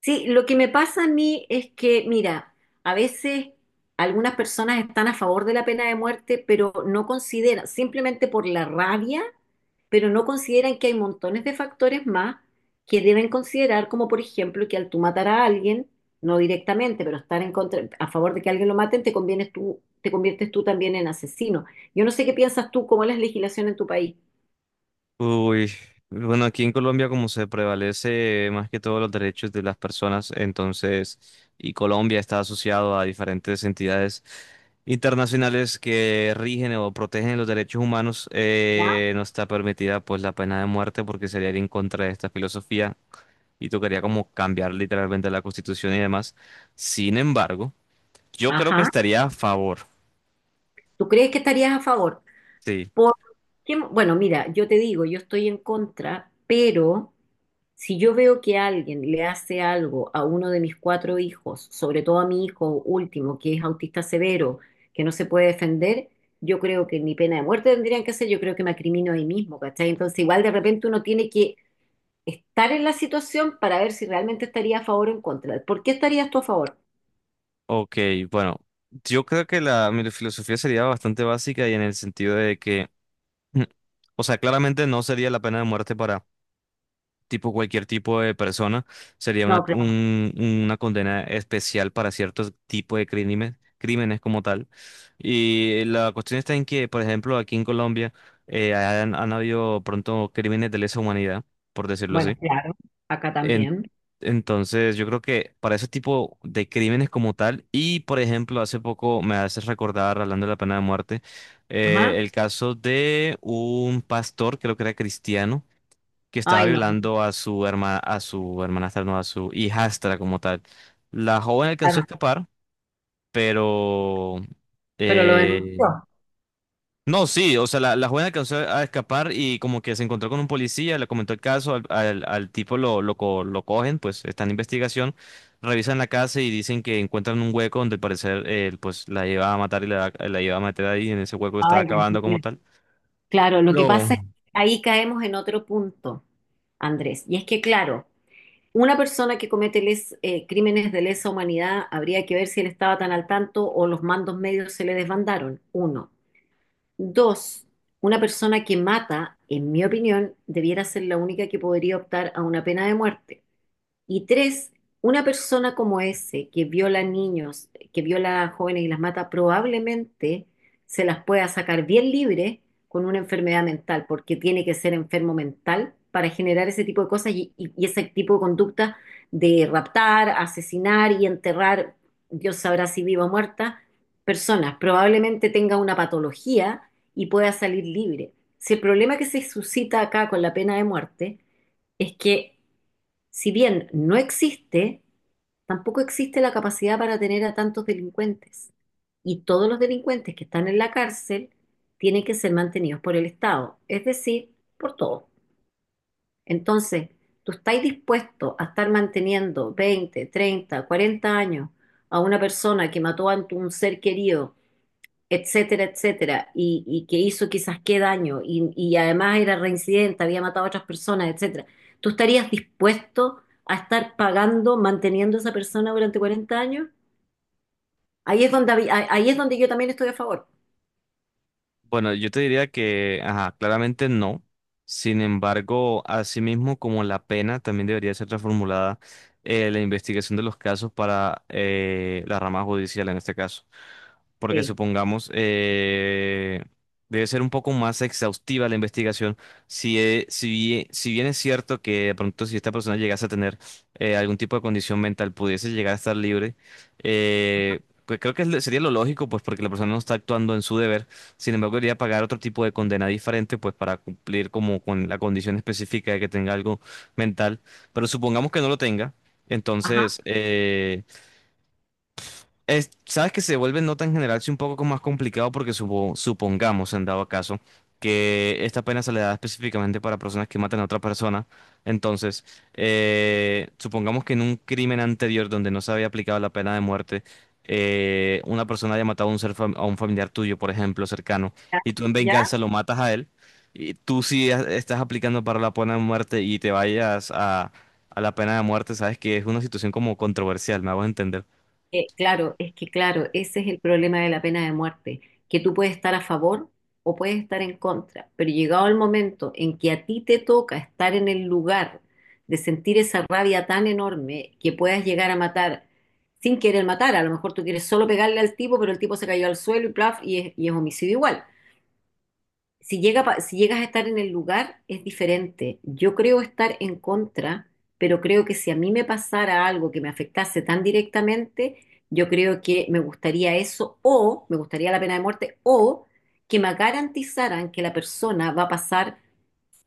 Sí, lo que me pasa a mí es que, mira, a veces algunas personas están a favor de la pena de muerte, pero no consideran, simplemente por la rabia, pero no consideran que hay montones de factores más que deben considerar, como por ejemplo que al tú matar a alguien, no directamente, pero estar en contra, a favor de que alguien lo maten, te convienes tú, te conviertes tú también en asesino. Yo no sé qué piensas tú, cómo es la legislación en tu país. Uy, bueno, aquí en Colombia como se prevalece más que todo los derechos de las personas, entonces, y Colombia está asociado a diferentes entidades internacionales que rigen o protegen los derechos humanos, ¿Ya? No está permitida pues la pena de muerte porque sería ir en contra de esta filosofía y tocaría como cambiar literalmente la constitución y demás. Sin embargo, yo creo que Ajá. estaría a favor. ¿Tú crees que estarías a favor? Sí. Por- bueno, mira, yo te digo, yo estoy en contra, pero si yo veo que alguien le hace algo a uno de mis cuatro hijos, sobre todo a mi hijo último, que es autista severo, que no se puede defender, yo creo que ni pena de muerte tendrían que hacer, yo creo que me acrimino ahí mismo, ¿cachai? Entonces, igual de repente uno tiene que estar en la situación para ver si realmente estaría a favor o en contra. ¿Por qué estarías tú a favor? Ok, bueno, yo creo que mi filosofía sería bastante básica y en el sentido de que, o sea, claramente no sería la pena de muerte para tipo cualquier tipo de persona, sería No, claro. Una condena especial para ciertos tipos de crímenes, crímenes como tal. Y la cuestión está en que, por ejemplo, aquí en Colombia han habido pronto crímenes de lesa humanidad, por decirlo Bueno, así. claro. Acá En- también. entonces, yo creo que para ese tipo de crímenes como tal, y por ejemplo, hace poco me haces recordar, hablando de la pena de muerte, Ajá. El caso de un pastor, creo que era cristiano, que estaba Ay, no, violando a su hermana, a su hermanastra, no, a su hijastra como tal. La joven alcanzó a claro. escapar, pero Pero lo eh, denunció. no, sí, o sea, la joven alcanzó a escapar y como que se encontró con un policía, le comentó el caso, al tipo lo cogen, pues está en investigación, revisan la casa y dicen que encuentran un hueco donde al parecer él pues la iba a matar y la iba a meter ahí en ese hueco que estaba Ay, Dios acabando como mío. tal. Claro, lo que Pero pasa es que ahí caemos en otro punto, Andrés, y es que, claro, una persona que comete crímenes de lesa humanidad habría que ver si él estaba tan al tanto o los mandos medios se le desbandaron, uno. Dos, una persona que mata, en mi opinión, debiera ser la única que podría optar a una pena de muerte. Y tres, una persona como ese que viola niños, que viola a jóvenes y las mata, probablemente se las pueda sacar bien libre con una enfermedad mental, porque tiene que ser enfermo mental para generar ese tipo de cosas y ese tipo de conducta de raptar, asesinar y enterrar, Dios sabrá si viva o muerta, personas. Probablemente tenga una patología y pueda salir libre. Si el problema que se suscita acá con la pena de muerte es que si bien no existe, tampoco existe la capacidad para tener a tantos delincuentes. Y todos los delincuentes que están en la cárcel tienen que ser mantenidos por el Estado, es decir, por todos. Entonces, ¿tú estás dispuesto a estar manteniendo 20, 30, 40 años a una persona que mató a un ser querido, etcétera, etcétera, y que hizo quizás qué daño, y además era reincidente, había matado a otras personas, etcétera? ¿Tú estarías dispuesto a estar pagando, manteniendo a esa persona durante 40 años? Ahí es donde, ahí es donde yo también estoy a favor. bueno, yo te diría que, ajá, claramente no. Sin embargo, asimismo como la pena también debería ser reformulada la investigación de los casos para la rama judicial en este caso. Porque Sí. supongamos, debe ser un poco más exhaustiva la investigación. Si bien es cierto que de pronto si esta persona llegase a tener algún tipo de condición mental, pudiese llegar a estar libre, pues creo que es sería lo lógico, pues porque la persona no está actuando en su deber, sin embargo, debería pagar otro tipo de condena diferente, pues para cumplir como con la condición específica de que tenga algo mental. Pero supongamos que no lo tenga, entonces... Ajá, eh, sabes que se vuelve nota en general sí un poco más complicado porque supongamos, en dado caso, que esta pena se le da específicamente para personas que matan a otra persona. Entonces, supongamos que en un crimen anterior donde no se había aplicado la pena de muerte, una persona haya matado a a un familiar tuyo, por ejemplo, cercano, y tú en ya. venganza lo matas a él, y estás aplicando para la pena de muerte y te vayas a la pena de muerte, sabes que es una situación como controversial, me hago entender. Claro, es que claro, ese es el problema de la pena de muerte, que tú puedes estar a favor o puedes estar en contra, pero llegado el momento en que a ti te toca estar en el lugar de sentir esa rabia tan enorme que puedas llegar a matar sin querer matar, a lo mejor tú quieres solo pegarle al tipo, pero el tipo se cayó al suelo y plaf, y es homicidio igual. Si llegas a estar en el lugar, es diferente. Yo creo estar en contra, pero creo que si a mí me pasara algo que me afectase tan directamente, yo creo que me gustaría eso, o me gustaría la pena de muerte o que me garantizaran que la persona va a pasar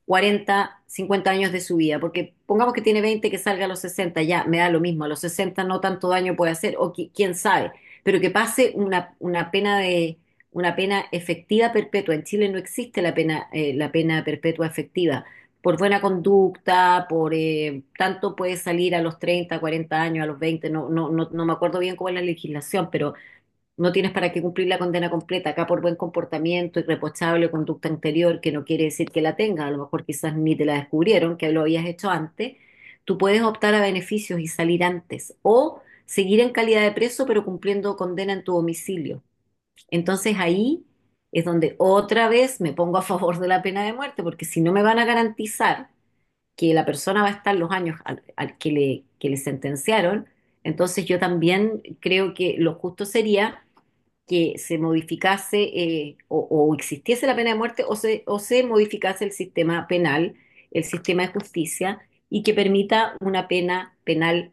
40 50 años de su vida, porque pongamos que tiene 20, que salga a los 60 ya me da lo mismo, a los 60 no tanto daño puede hacer, o quién sabe, pero que pase una pena efectiva perpetua. En Chile no existe la pena perpetua efectiva. Por buena conducta, por tanto puede salir a los 30 40 años, a los 20, no, no, no, no me acuerdo bien cómo es la legislación, pero no tienes para qué cumplir la condena completa acá por buen comportamiento, irreprochable, conducta anterior, que no quiere decir que la tengas, a lo mejor quizás ni te la descubrieron, que lo habías hecho antes. Tú puedes optar a beneficios y salir antes o seguir en calidad de preso pero cumpliendo condena en tu domicilio. Entonces ahí es donde otra vez me pongo a favor de la pena de muerte, porque si no me van a garantizar que la persona va a estar los años al que le, sentenciaron, entonces yo también creo que lo justo sería que se modificase, o existiese la pena de muerte, o se modificase el sistema penal, el sistema de justicia, y que permita una pena penal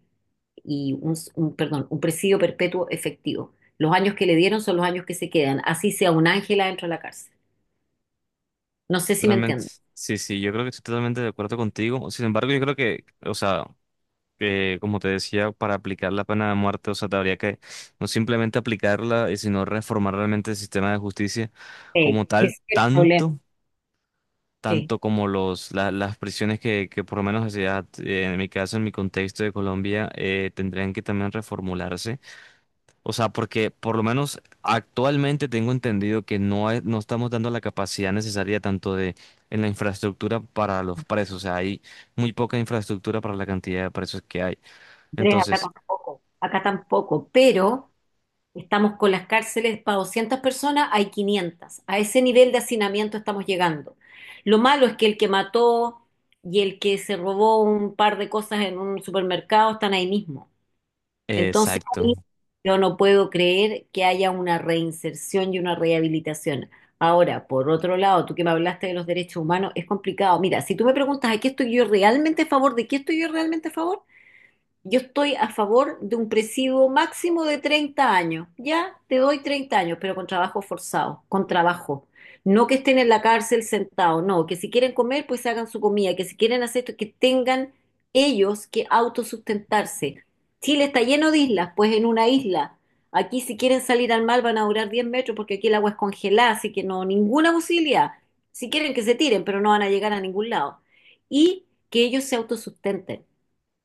y un presidio perpetuo efectivo. Los años que le dieron son los años que se quedan, así sea un ángel adentro de la cárcel. No sé si me Totalmente. entiendo. Sí, sí, yo creo que estoy totalmente de acuerdo contigo. Sin embargo, yo creo que, o sea, que, como te decía, para aplicar la pena de muerte, o sea, te habría que no simplemente aplicarla, sino reformar realmente el sistema de justicia Sí, como sí, tal, ese es el problema. Sí, tanto como las prisiones que por lo menos, o sea, en mi caso, en mi contexto de Colombia, tendrían que también reformularse. O sea, porque por lo menos actualmente tengo entendido que no estamos dando la capacidad necesaria tanto de en la infraestructura para los presos. O sea, hay muy poca infraestructura para la cantidad de presos que hay. Andrés, Entonces, acá tampoco, pero estamos con las cárceles para 200 personas, hay 500. A ese nivel de hacinamiento estamos llegando. Lo malo es que el que mató y el que se robó un par de cosas en un supermercado están ahí mismo. Entonces, exacto. ahí yo no puedo creer que haya una reinserción y una rehabilitación. Ahora, por otro lado, tú que me hablaste de los derechos humanos, es complicado. Mira, si tú me preguntas, ¿a qué estoy yo realmente a favor? ¿De qué estoy yo realmente a favor? Yo estoy a favor de un presidio máximo de 30 años. Ya te doy 30 años, pero con trabajo forzado, con trabajo. No que estén en la cárcel sentados, no, que si quieren comer, pues hagan su comida, que si quieren hacer esto, que tengan ellos que autosustentarse. Chile está lleno de islas, pues en una isla. Aquí si quieren salir al mar van a durar 10 metros porque aquí el agua es congelada, así que no, ninguna posibilidad. Si quieren que se tiren, pero no van a llegar a ningún lado. Y que ellos se autosustenten.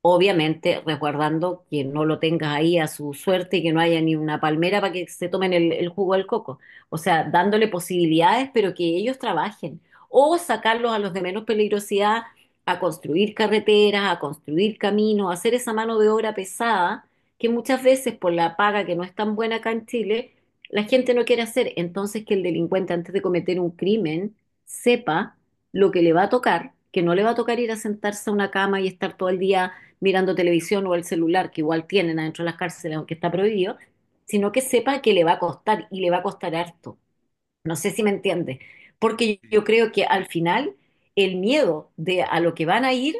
Obviamente, resguardando que no lo tengas ahí a su suerte y que no haya ni una palmera para que se tomen el jugo del coco. O sea, dándole posibilidades, pero que ellos trabajen. O sacarlos a los de menos peligrosidad a construir carreteras, a construir caminos, a hacer esa mano de obra pesada, que muchas veces por la paga que no es tan buena acá en Chile, la gente no quiere hacer. Entonces, que el delincuente antes de cometer un crimen sepa lo que le va a tocar, que no le va a tocar ir a sentarse a una cama y estar todo el día mirando televisión o el celular, que igual tienen adentro de las cárceles, aunque está prohibido, sino que sepa que le va a costar y le va a costar harto. No sé si me entiende, porque yo creo que al final el miedo de a lo que van a ir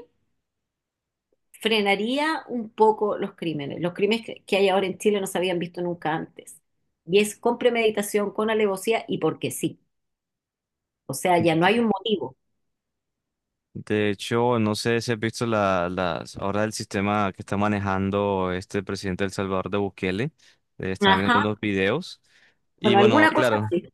frenaría un poco los crímenes. Los crímenes que hay ahora en Chile no se habían visto nunca antes. Y es con premeditación, con alevosía y porque sí. O sea, ya no hay un motivo. De hecho, no sé si has visto las ahora el sistema que está manejando este presidente del Salvador de Bukele. Estaba mirando Ajá. unos videos. Y Bueno, bueno, alguna cosa claro. así.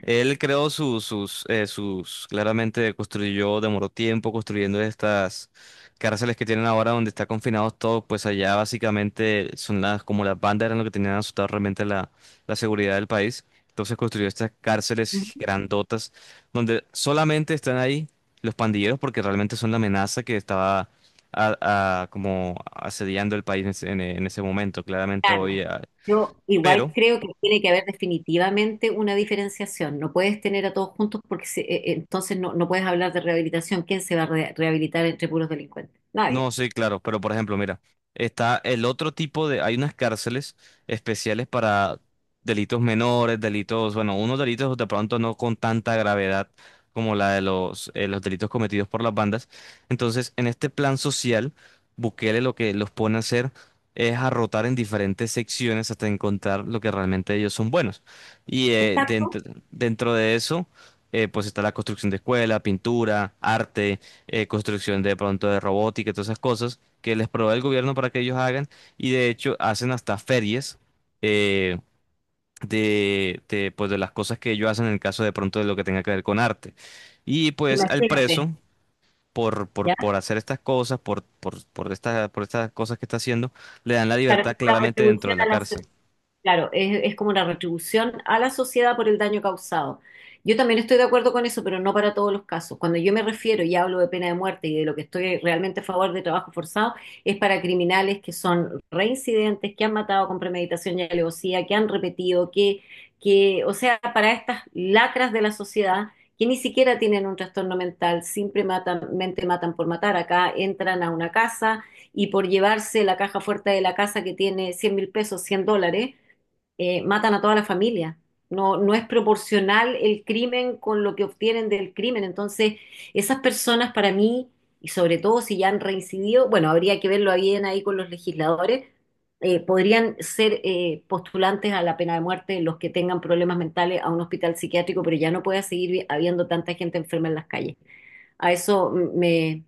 Él creó claramente construyó, demoró tiempo construyendo estas cárceles que tienen ahora donde está confinados todos, pues allá básicamente son las, como las bandas eran lo que tenían asustado realmente la seguridad del país. Entonces construyó estas cárceles grandotas donde solamente están ahí los pandilleros porque realmente son la amenaza que estaba como asediando el país en en ese momento, claramente Claro. hoy. Yo igual Pero... creo que tiene que haber definitivamente una diferenciación. No puedes tener a todos juntos porque entonces no, puedes hablar de rehabilitación. ¿Quién se va a rehabilitar entre puros delincuentes? Nadie. No, sí, claro, pero por ejemplo, mira, está el otro tipo de, hay unas cárceles especiales para delitos menores, delitos, bueno, unos delitos de pronto no con tanta gravedad como la de los delitos cometidos por las bandas. Entonces, en este plan social, Bukele lo que los pone a hacer es a rotar en diferentes secciones hasta encontrar lo que realmente ellos son buenos. Y Por tanto, dentro de eso, pues está la construcción de escuela, pintura, arte, construcción de pronto de robótica y todas esas cosas que les provee el gobierno para que ellos hagan, y de hecho hacen hasta ferias eh, pues, de las cosas que ellos hacen en el caso de pronto de lo que tenga que ver con arte. Y pues al preso, imagínate, ¿ya? por hacer estas cosas, por estas cosas que está haciendo, le dan la Claro, libertad es una claramente dentro de retribución la a la cárcel. sociedad. Claro, es como una retribución a la sociedad por el daño causado. Yo también estoy de acuerdo con eso, pero no para todos los casos. Cuando yo me refiero y hablo de pena de muerte y de lo que estoy realmente a favor de trabajo forzado, es para criminales que son reincidentes, que han matado con premeditación y alevosía, que han repetido, o sea, para estas lacras de la sociedad que ni siquiera tienen un trastorno mental, simplemente matan por matar. Acá entran a una casa y por llevarse la caja fuerte de la casa que tiene $100.000, $100, matan a toda la familia. No, no es proporcional el crimen con lo que obtienen del crimen. Entonces, esas personas para mí, y sobre todo si ya han reincidido, bueno, habría que verlo bien ahí con los legisladores, podrían ser postulantes a la pena de muerte; los que tengan problemas mentales, a un hospital psiquiátrico, pero ya no puede seguir habiendo tanta gente enferma en las calles. A eso me,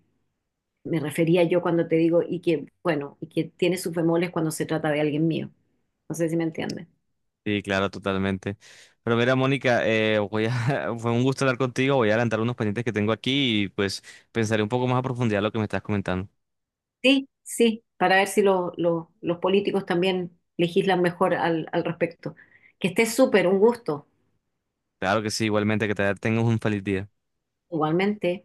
me refería yo cuando te digo, y que, bueno, y que tiene sus bemoles cuando se trata de alguien mío. No sé si me entiendes. Sí, claro, totalmente. Pero mira, Mónica, voy a, fue un gusto hablar contigo, voy a adelantar unos pendientes que tengo aquí y pues pensaré un poco más a profundidad lo que me estás comentando. Sí, sí, para ver si los políticos también legislan mejor al respecto. Que esté súper, un gusto, Claro que sí, igualmente que te tengas un feliz día. igualmente.